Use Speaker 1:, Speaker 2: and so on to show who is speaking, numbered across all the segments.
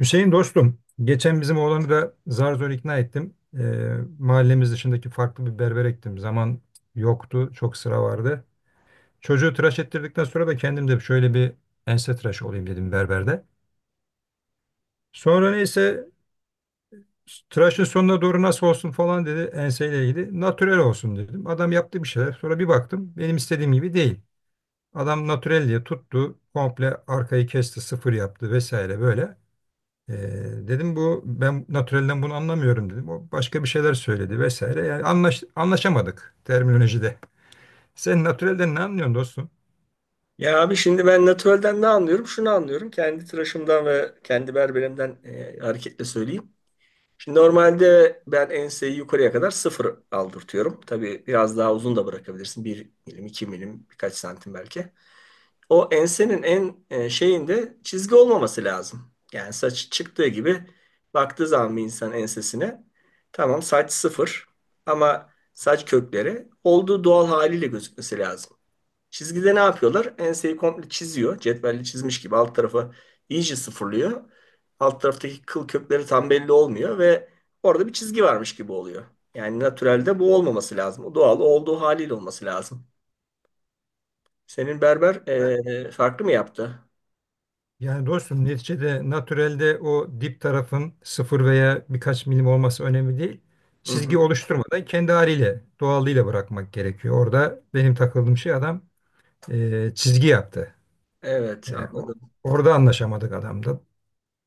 Speaker 1: Hüseyin dostum, geçen bizim oğlanı da zar zor ikna ettim. Ee, mahallemiz dışındaki farklı bir berbere gittim. Zaman yoktu, çok sıra vardı. Çocuğu tıraş ettirdikten sonra da kendim de şöyle bir ense tıraşı olayım dedim berberde. Sonra neyse tıraşın sonuna doğru nasıl olsun falan dedi enseyle ilgili. Natürel olsun dedim. Adam yaptı bir şeyler. Sonra bir baktım benim istediğim gibi değil. Adam natürel diye tuttu. Komple arkayı kesti, sıfır yaptı vesaire böyle. Ee, dedim bu ben natürelden bunu anlamıyorum dedim. O başka bir şeyler söyledi vesaire. Yani anlaşamadık terminolojide. Sen natürelden ne anlıyorsun dostum?
Speaker 2: Ya abi şimdi ben natürelden ne anlıyorum? Şunu anlıyorum. Kendi tıraşımdan ve kendi berberimden hareketle söyleyeyim. Şimdi normalde ben enseyi yukarıya kadar sıfır aldırtıyorum. Tabii biraz daha uzun da bırakabilirsin. Bir milim, iki milim, birkaç santim belki. O ensenin en şeyinde çizgi olmaması lazım. Yani saç çıktığı gibi baktığı zaman bir insan ensesine tamam saç sıfır ama saç kökleri olduğu doğal haliyle gözükmesi lazım. Çizgide ne yapıyorlar? Enseyi komple çiziyor. Cetvelle çizmiş gibi alt tarafı iyice sıfırlıyor. Alt taraftaki kıl kökleri tam belli olmuyor ve orada bir çizgi varmış gibi oluyor. Yani natürelde bu olmaması lazım. O doğal olduğu haliyle olması lazım. Senin berber farklı mı yaptı?
Speaker 1: Yani dostum neticede natürelde o dip tarafın sıfır veya birkaç milim olması önemli değil.
Speaker 2: Hı
Speaker 1: Çizgi
Speaker 2: hı.
Speaker 1: oluşturmadan kendi haliyle, doğallığıyla bırakmak gerekiyor. Orada benim takıldığım şey adam çizgi yaptı.
Speaker 2: Evet,
Speaker 1: Yani
Speaker 2: anladım.
Speaker 1: orada anlaşamadık adamda.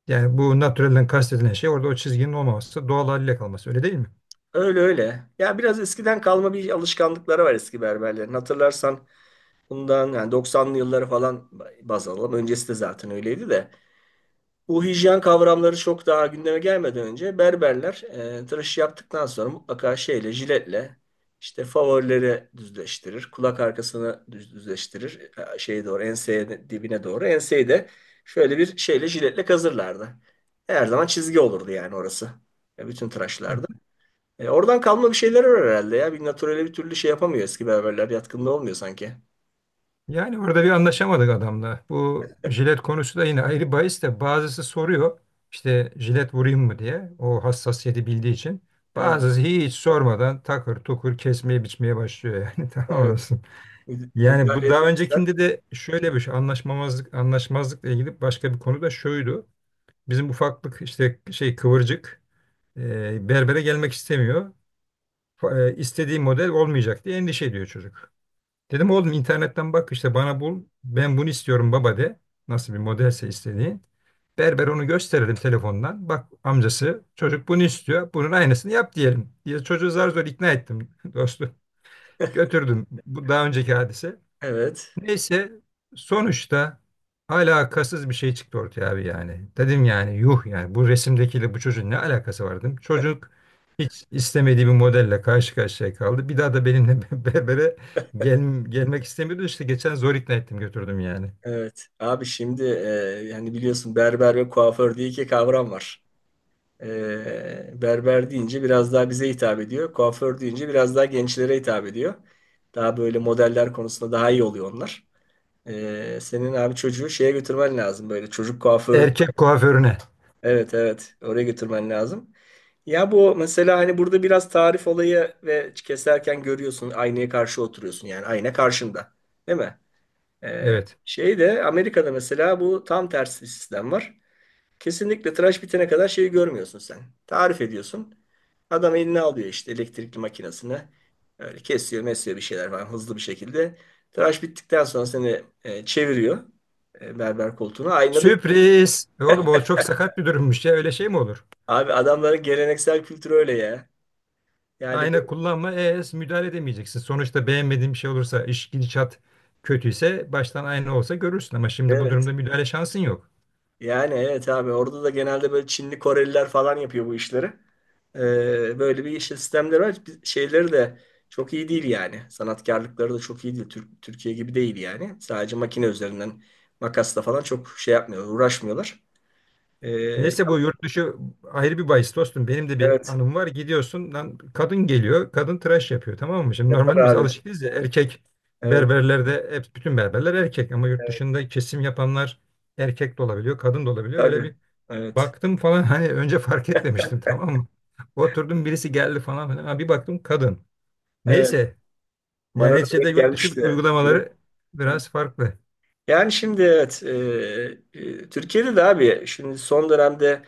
Speaker 1: Yani bu natürelden kastedilen şey orada o çizginin olmaması, doğal haliyle kalması öyle değil mi?
Speaker 2: Öyle öyle. Ya biraz eskiden kalma bir alışkanlıkları var eski berberlerin. Hatırlarsan bundan yani 90'lı yılları falan baz alalım. Öncesi de zaten öyleydi de. Bu hijyen kavramları çok daha gündeme gelmeden önce berberler tıraşı yaptıktan sonra mutlaka şeyle jiletle işte favorileri düzleştirir. Kulak arkasını düzleştirir. Şeye doğru dibine doğru. Enseyi de şöyle bir şeyle jiletle kazırlardı. Her zaman çizgi olurdu yani orası. Bütün tıraşlarda. Oradan kalma bir şeyler var herhalde ya. Bir naturele bir türlü şey yapamıyor eski berberler. Yatkınlığı olmuyor sanki.
Speaker 1: Yani orada bir anlaşamadık adamla. Bu jilet konusu da yine ayrı bahis de bazısı soruyor işte jilet vurayım mı diye o hassasiyeti bildiği için.
Speaker 2: Evet,
Speaker 1: Bazısı hiç sormadan takır tukur kesmeye biçmeye başlıyor yani tamam
Speaker 2: evet.
Speaker 1: olasın. Yani
Speaker 2: Müdahale
Speaker 1: bu daha
Speaker 2: etmek ister.
Speaker 1: öncekinde de şöyle bir şey anlaşmamazlık anlaşmazlıkla ilgili başka bir konu da şuydu. Bizim ufaklık işte şey kıvırcık berbere gelmek istemiyor. İstediği model olmayacak diye endişe ediyor çocuk. Dedim oğlum internetten bak işte bana bul. Ben bunu istiyorum baba de. Nasıl bir modelse istediği. Berber onu gösterelim telefondan. Bak amcası çocuk bunu istiyor. Bunun aynısını yap diyelim diye çocuğu zar zor ikna ettim dostum. Götürdüm. Bu daha önceki hadise.
Speaker 2: Evet.
Speaker 1: Neyse sonuçta alakasız bir şey çıktı ortaya abi yani. Dedim yani yuh yani bu resimdekiyle bu çocuğun ne alakası var dedim. Çocuk hiç istemediği bir modelle karşı karşıya kaldı. Bir daha da benimle berbere gel, gelmek istemiyordu. İşte geçen zor ikna ettim götürdüm yani.
Speaker 2: Evet. Abi şimdi yani biliyorsun berber ve kuaför diye iki kavram var. Berber deyince biraz daha bize hitap ediyor. Kuaför deyince biraz daha gençlere hitap ediyor. Daha böyle modeller konusunda daha iyi oluyor onlar. Senin abi çocuğu şeye götürmen lazım böyle çocuk kuaförü.
Speaker 1: Erkek kuaförüne.
Speaker 2: Evet, evet, oraya götürmen lazım. Ya bu mesela hani burada biraz tarif olayı ve keserken görüyorsun aynaya karşı oturuyorsun yani ayna karşında, değil mi?
Speaker 1: Evet.
Speaker 2: Şeyde Amerika'da mesela bu tam tersi bir sistem var. Kesinlikle tıraş bitene kadar şeyi görmüyorsun sen. Tarif ediyorsun. Adam eline alıyor işte elektrikli makinesini. Öyle kesiyor, mesiyor bir şeyler falan hızlı bir şekilde. Tıraş bittikten sonra seni çeviriyor berber koltuğuna. Aynada
Speaker 1: Sürpriz. E oğlum o çok sakat bir durummuş ya, öyle şey mi olur?
Speaker 2: abi adamların geleneksel kültürü öyle ya. Yani
Speaker 1: Ayna kullanma, müdahale edemeyeceksin. Sonuçta beğenmediğin bir şey olursa, iş gidişat kötüyse baştan ayna olsa görürsün ama şimdi bu
Speaker 2: evet,
Speaker 1: durumda müdahale şansın yok.
Speaker 2: yani evet abi orada da genelde böyle Çinli Koreliler falan yapıyor bu işleri. Böyle bir işte sistemleri var. Şeyleri de çok iyi değil yani. Sanatkarlıkları da çok iyi değil. Türkiye gibi değil yani. Sadece makine üzerinden makasla falan çok şey yapmıyorlar, uğraşmıyorlar. Ee,
Speaker 1: Neyse bu yurt dışı ayrı bir bahis dostum. Benim de bir
Speaker 2: evet
Speaker 1: anım var. Gidiyorsun lan kadın geliyor. Kadın tıraş yapıyor, tamam mı? Şimdi
Speaker 2: yapar
Speaker 1: normalde biz
Speaker 2: abi.
Speaker 1: alışık değiliz ya, erkek
Speaker 2: Evet,
Speaker 1: berberlerde hep bütün berberler erkek ama yurt
Speaker 2: evet,
Speaker 1: dışında kesim yapanlar erkek de olabiliyor, kadın da olabiliyor. Böyle
Speaker 2: tabii.
Speaker 1: bir
Speaker 2: Evet.
Speaker 1: baktım falan, hani önce fark etmemiştim, tamam mı? Oturdum birisi geldi falan filan. Ha, bir baktım kadın.
Speaker 2: Evet.
Speaker 1: Neyse,
Speaker 2: Bana
Speaker 1: yani
Speaker 2: da
Speaker 1: neticede
Speaker 2: denk
Speaker 1: yurt dışı
Speaker 2: gelmişti.
Speaker 1: uygulamaları biraz farklı.
Speaker 2: Yani şimdi evet, Türkiye'de de abi şimdi son dönemde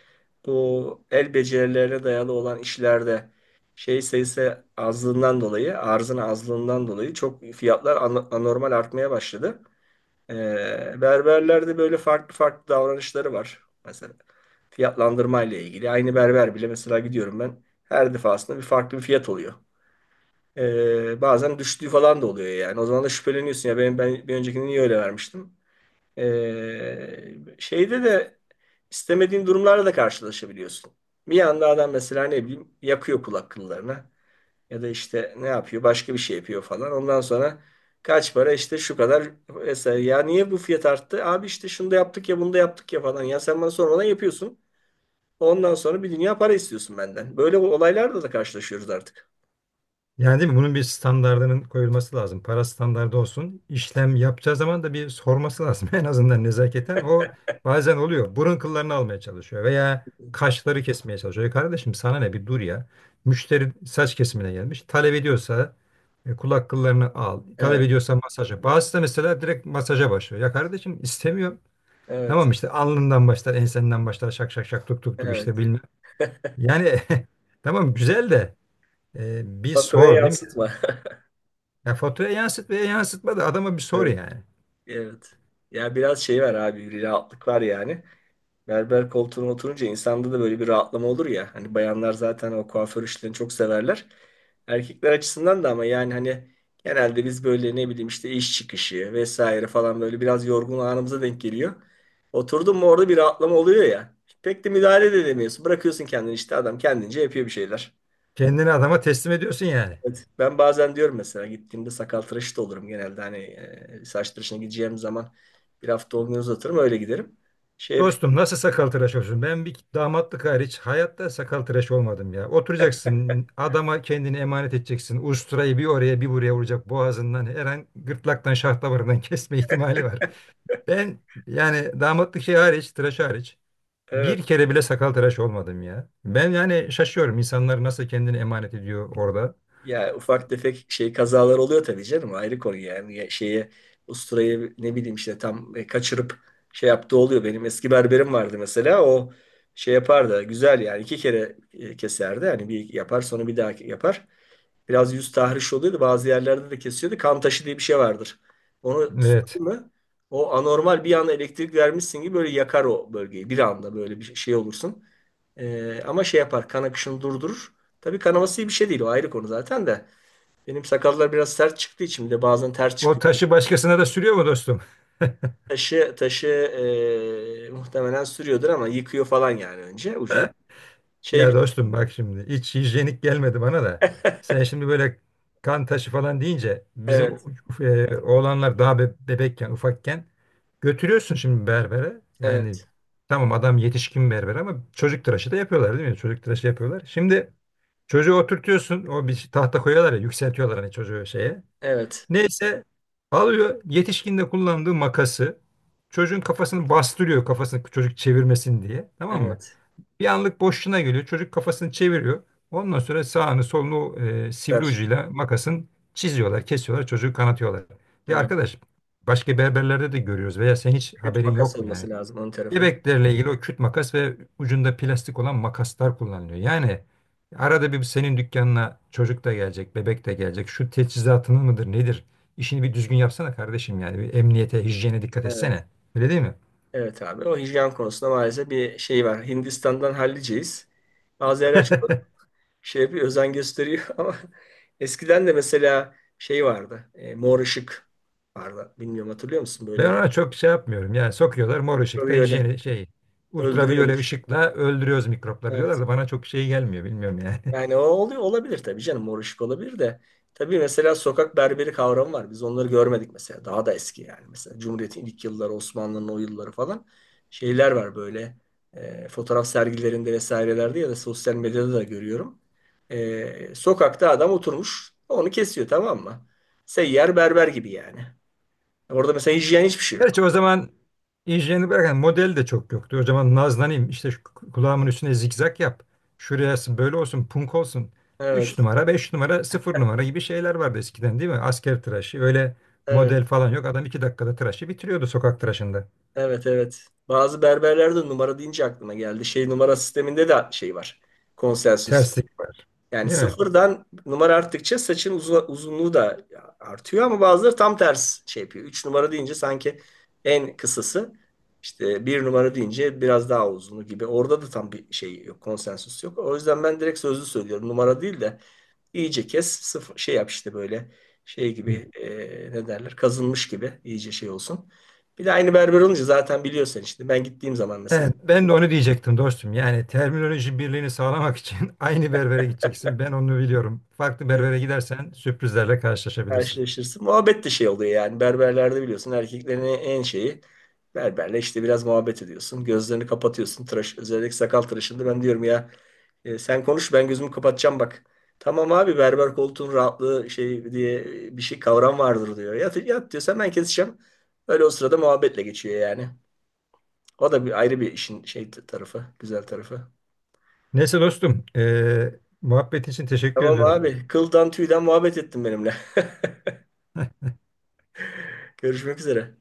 Speaker 2: bu el becerilerine dayalı olan işlerde şey sayısı azlığından dolayı arzın azlığından dolayı çok fiyatlar anormal artmaya başladı. E, Berberlerde böyle farklı farklı davranışları var. Mesela fiyatlandırma ile ilgili aynı berber bile mesela gidiyorum ben her defasında bir farklı bir fiyat oluyor. Bazen düştüğü falan da oluyor yani. O zaman da şüpheleniyorsun ya ben bir öncekini niye öyle vermiştim? Şeyde de istemediğin durumlarla da karşılaşabiliyorsun. Bir anda adam mesela ne bileyim yakıyor kulak kıllarına ya da işte ne yapıyor başka bir şey yapıyor falan. Ondan sonra kaç para işte şu kadar mesela ya niye bu fiyat arttı? Abi işte şunu da yaptık ya bunu da yaptık ya falan. Ya sen bana sormadan yapıyorsun. Ondan sonra bir dünya para istiyorsun benden. Böyle olaylarla da karşılaşıyoruz artık.
Speaker 1: Yani değil mi? Bunun bir standardının koyulması lazım. Para standardı olsun. İşlem yapacağı zaman da bir sorması lazım. En azından nezaketen o bazen oluyor. Burun kıllarını almaya çalışıyor veya kaşları kesmeye çalışıyor. "Ya kardeşim sana ne, bir dur ya. Müşteri saç kesimine gelmiş. Talep ediyorsa kulak kıllarını al. Talep
Speaker 2: Evet,
Speaker 1: ediyorsa masaja. Bazısı da mesela direkt masaja başlıyor. Ya kardeşim istemiyorum.
Speaker 2: evet,
Speaker 1: Tamam işte alnından başlar, ensenden başlar, şak şak şak tuk tuk tuk işte
Speaker 2: evet.
Speaker 1: bilmem. Yani tamam güzel de bir
Speaker 2: Faturaya
Speaker 1: sor değil mi?
Speaker 2: yansıtma.
Speaker 1: Ya faturaya yansıt veya yansıtma da adama bir sor
Speaker 2: Evet,
Speaker 1: yani.
Speaker 2: evet. Ya biraz şey var abi, bir rahatlık var yani. Berber koltuğuna oturunca insanda da böyle bir rahatlama olur ya. Hani bayanlar zaten o kuaför işlerini çok severler. Erkekler açısından da ama yani hani genelde biz böyle ne bileyim işte iş çıkışı vesaire falan böyle biraz yorgun anımıza denk geliyor. Oturdun mu orada bir rahatlama oluyor ya. Pek de müdahale de edemiyorsun. Bırakıyorsun kendini işte adam kendince yapıyor bir şeyler.
Speaker 1: Kendini adama teslim ediyorsun yani.
Speaker 2: Evet. Ben bazen diyorum mesela gittiğimde sakal tıraşı da olurum genelde. Hani saç tıraşına gideceğim zaman bir hafta olmuyor uzatırım öyle giderim. Şey
Speaker 1: Dostum nasıl sakal tıraş olsun? Ben bir damatlık hariç hayatta sakal tıraş olmadım ya. Oturacaksın adama kendini emanet edeceksin. Usturayı bir oraya bir buraya vuracak, boğazından her an gırtlaktan şah damarından kesme ihtimali var. Ben yani damatlık şey hariç tıraş hariç bir
Speaker 2: yapıyorum.
Speaker 1: kere bile sakal tıraş olmadım ya. Ben yani şaşıyorum, insanlar nasıl kendini emanet ediyor orada.
Speaker 2: Ya ufak tefek şey kazalar oluyor tabii canım ayrı konu yani. Ya şeye usturayı ne bileyim işte tam kaçırıp şey yaptığı oluyor. Benim eski berberim vardı mesela o şey yapardı güzel yani iki kere keserdi hani bir yapar sonra bir daha yapar. Biraz yüz tahriş oluyordu bazı yerlerde de kesiyordu kan taşı diye bir şey vardır. Onu
Speaker 1: Evet.
Speaker 2: sürdün mü o anormal bir anda elektrik vermişsin gibi böyle yakar o bölgeyi bir anda böyle bir şey olursun. Ama şey yapar kan akışını durdurur. Tabii kanaması iyi bir şey değil. O ayrı konu zaten de. Benim sakallar biraz sert çıktığı için bir de bazen ters
Speaker 1: O
Speaker 2: çıkıyor.
Speaker 1: taşı başkasına da sürüyor mu dostum?
Speaker 2: Taşı muhtemelen sürüyordur ama yıkıyor falan yani önce ucunu. Şey
Speaker 1: Ya
Speaker 2: bir-
Speaker 1: dostum bak, şimdi hiç hijyenik gelmedi bana da. Sen şimdi böyle kan taşı falan deyince bizim
Speaker 2: evet,
Speaker 1: oğlanlar daha bebekken, ufakken götürüyorsun şimdi berbere. Yani
Speaker 2: evet,
Speaker 1: tamam adam yetişkin berber ama çocuk tıraşı da yapıyorlar değil mi? Çocuk tıraşı yapıyorlar. Şimdi çocuğu oturtuyorsun. O bir tahta koyuyorlar ya, yükseltiyorlar hani çocuğu şeye.
Speaker 2: evet,
Speaker 1: Neyse alıyor yetişkinde kullandığı makası, çocuğun kafasını bastırıyor kafasını çocuk çevirmesin diye, tamam mı?
Speaker 2: evet,
Speaker 1: Bir anlık boşluğuna geliyor çocuk kafasını çeviriyor. Ondan sonra sağını solunu sivri
Speaker 2: ver.
Speaker 1: ucuyla makasın çiziyorlar, kesiyorlar, çocuğu kanatıyorlar. Ya
Speaker 2: Evet.
Speaker 1: arkadaş başka berberlerde de görüyoruz veya sen hiç
Speaker 2: Kötü
Speaker 1: haberin
Speaker 2: makas
Speaker 1: yok mu yani?
Speaker 2: olması lazım onun tarafı.
Speaker 1: Bebeklerle ilgili o küt makas ve ucunda plastik olan makaslar kullanılıyor. Yani arada bir senin dükkanına çocuk da gelecek, bebek de gelecek. Şu teçhizatının mıdır, nedir? İşini bir düzgün yapsana kardeşim yani. Bir emniyete, hijyene dikkat
Speaker 2: Evet,
Speaker 1: etsene. Öyle değil mi?
Speaker 2: evet abi. O hijyen konusunda maalesef bir şey var. Hindistan'dan halliceyiz. Bazı yerler çok şey bir özen gösteriyor ama eskiden de mesela şey vardı. Mor ışık vardı. Bilmiyorum, hatırlıyor musun
Speaker 1: Ben
Speaker 2: böyle?
Speaker 1: ona çok şey yapmıyorum. Yani sokuyorlar mor ışıkta
Speaker 2: Tabii öyle.
Speaker 1: hijyeni şey, ultraviyole
Speaker 2: Öldürüyormuş.
Speaker 1: ışıkla öldürüyoruz mikropları diyorlar
Speaker 2: Evet.
Speaker 1: da bana çok şey gelmiyor. Bilmiyorum yani.
Speaker 2: Yani o oluyor, olabilir tabii canım. Mor ışık olabilir de. Tabii mesela sokak berberi kavramı var. Biz onları görmedik mesela. Daha da eski yani. Mesela Cumhuriyet'in ilk yılları, Osmanlı'nın o yılları falan. Şeyler var böyle. Fotoğraf sergilerinde vesairelerde ya da sosyal medyada da görüyorum. Sokakta adam oturmuş. Onu kesiyor, tamam mı? Seyyar berber gibi yani. Orada mesela hijyen hiçbir şey yok.
Speaker 1: Gerçi o zaman injinerini bırakan model de çok yoktu. O zaman nazlanayım işte şu kulağımın üstüne zigzag yap. Şuraya böyle olsun, punk olsun. üç
Speaker 2: Evet.
Speaker 1: numara 5 numara, 0 numara gibi şeyler vardı eskiden değil mi? Asker tıraşı, öyle
Speaker 2: Evet.
Speaker 1: model falan yok. Adam 2 dakikada tıraşı bitiriyordu sokak tıraşında.
Speaker 2: Evet, evet. Bazı berberlerde numara deyince aklıma geldi. Şey numara sisteminde de şey var. Konsensüs.
Speaker 1: Terslik var
Speaker 2: Yani
Speaker 1: değil mi?
Speaker 2: sıfırdan numara arttıkça saçın uzunluğu da artıyor ama bazıları tam ters şey yapıyor. Üç numara deyince sanki en kısası. İşte bir numara deyince biraz daha uzunu gibi. Orada da tam bir şey yok. Konsensüs yok. O yüzden ben direkt sözlü söylüyorum. Numara değil de İyice kes, sıfır, şey yap işte böyle şey gibi ne derler kazınmış gibi iyice şey olsun. Bir de aynı berber olunca zaten biliyorsun işte ben gittiğim zaman mesela
Speaker 1: Evet, ben de onu diyecektim dostum. Yani terminoloji birliğini sağlamak için aynı berbere gideceksin. Ben onu biliyorum. Farklı
Speaker 2: evet,
Speaker 1: berbere gidersen sürprizlerle karşılaşabilirsin.
Speaker 2: karşılaşırsın. Muhabbet de şey oluyor yani berberlerde biliyorsun erkeklerin en şeyi berberle işte biraz muhabbet ediyorsun. Gözlerini kapatıyorsun tıraş özellikle sakal tıraşında ben diyorum ya sen konuş ben gözümü kapatacağım bak. Tamam abi berber koltuğun rahatlığı şey diye bir şey kavram vardır diyor. Yat, yat diyorsan ben keseceğim. Öyle o sırada muhabbetle geçiyor yani. O da bir ayrı bir işin şey tarafı, güzel tarafı.
Speaker 1: Neyse dostum, muhabbet için teşekkür
Speaker 2: Tamam
Speaker 1: ediyorum.
Speaker 2: abi, kıldan tüyden muhabbet ettin benimle. Görüşmek üzere.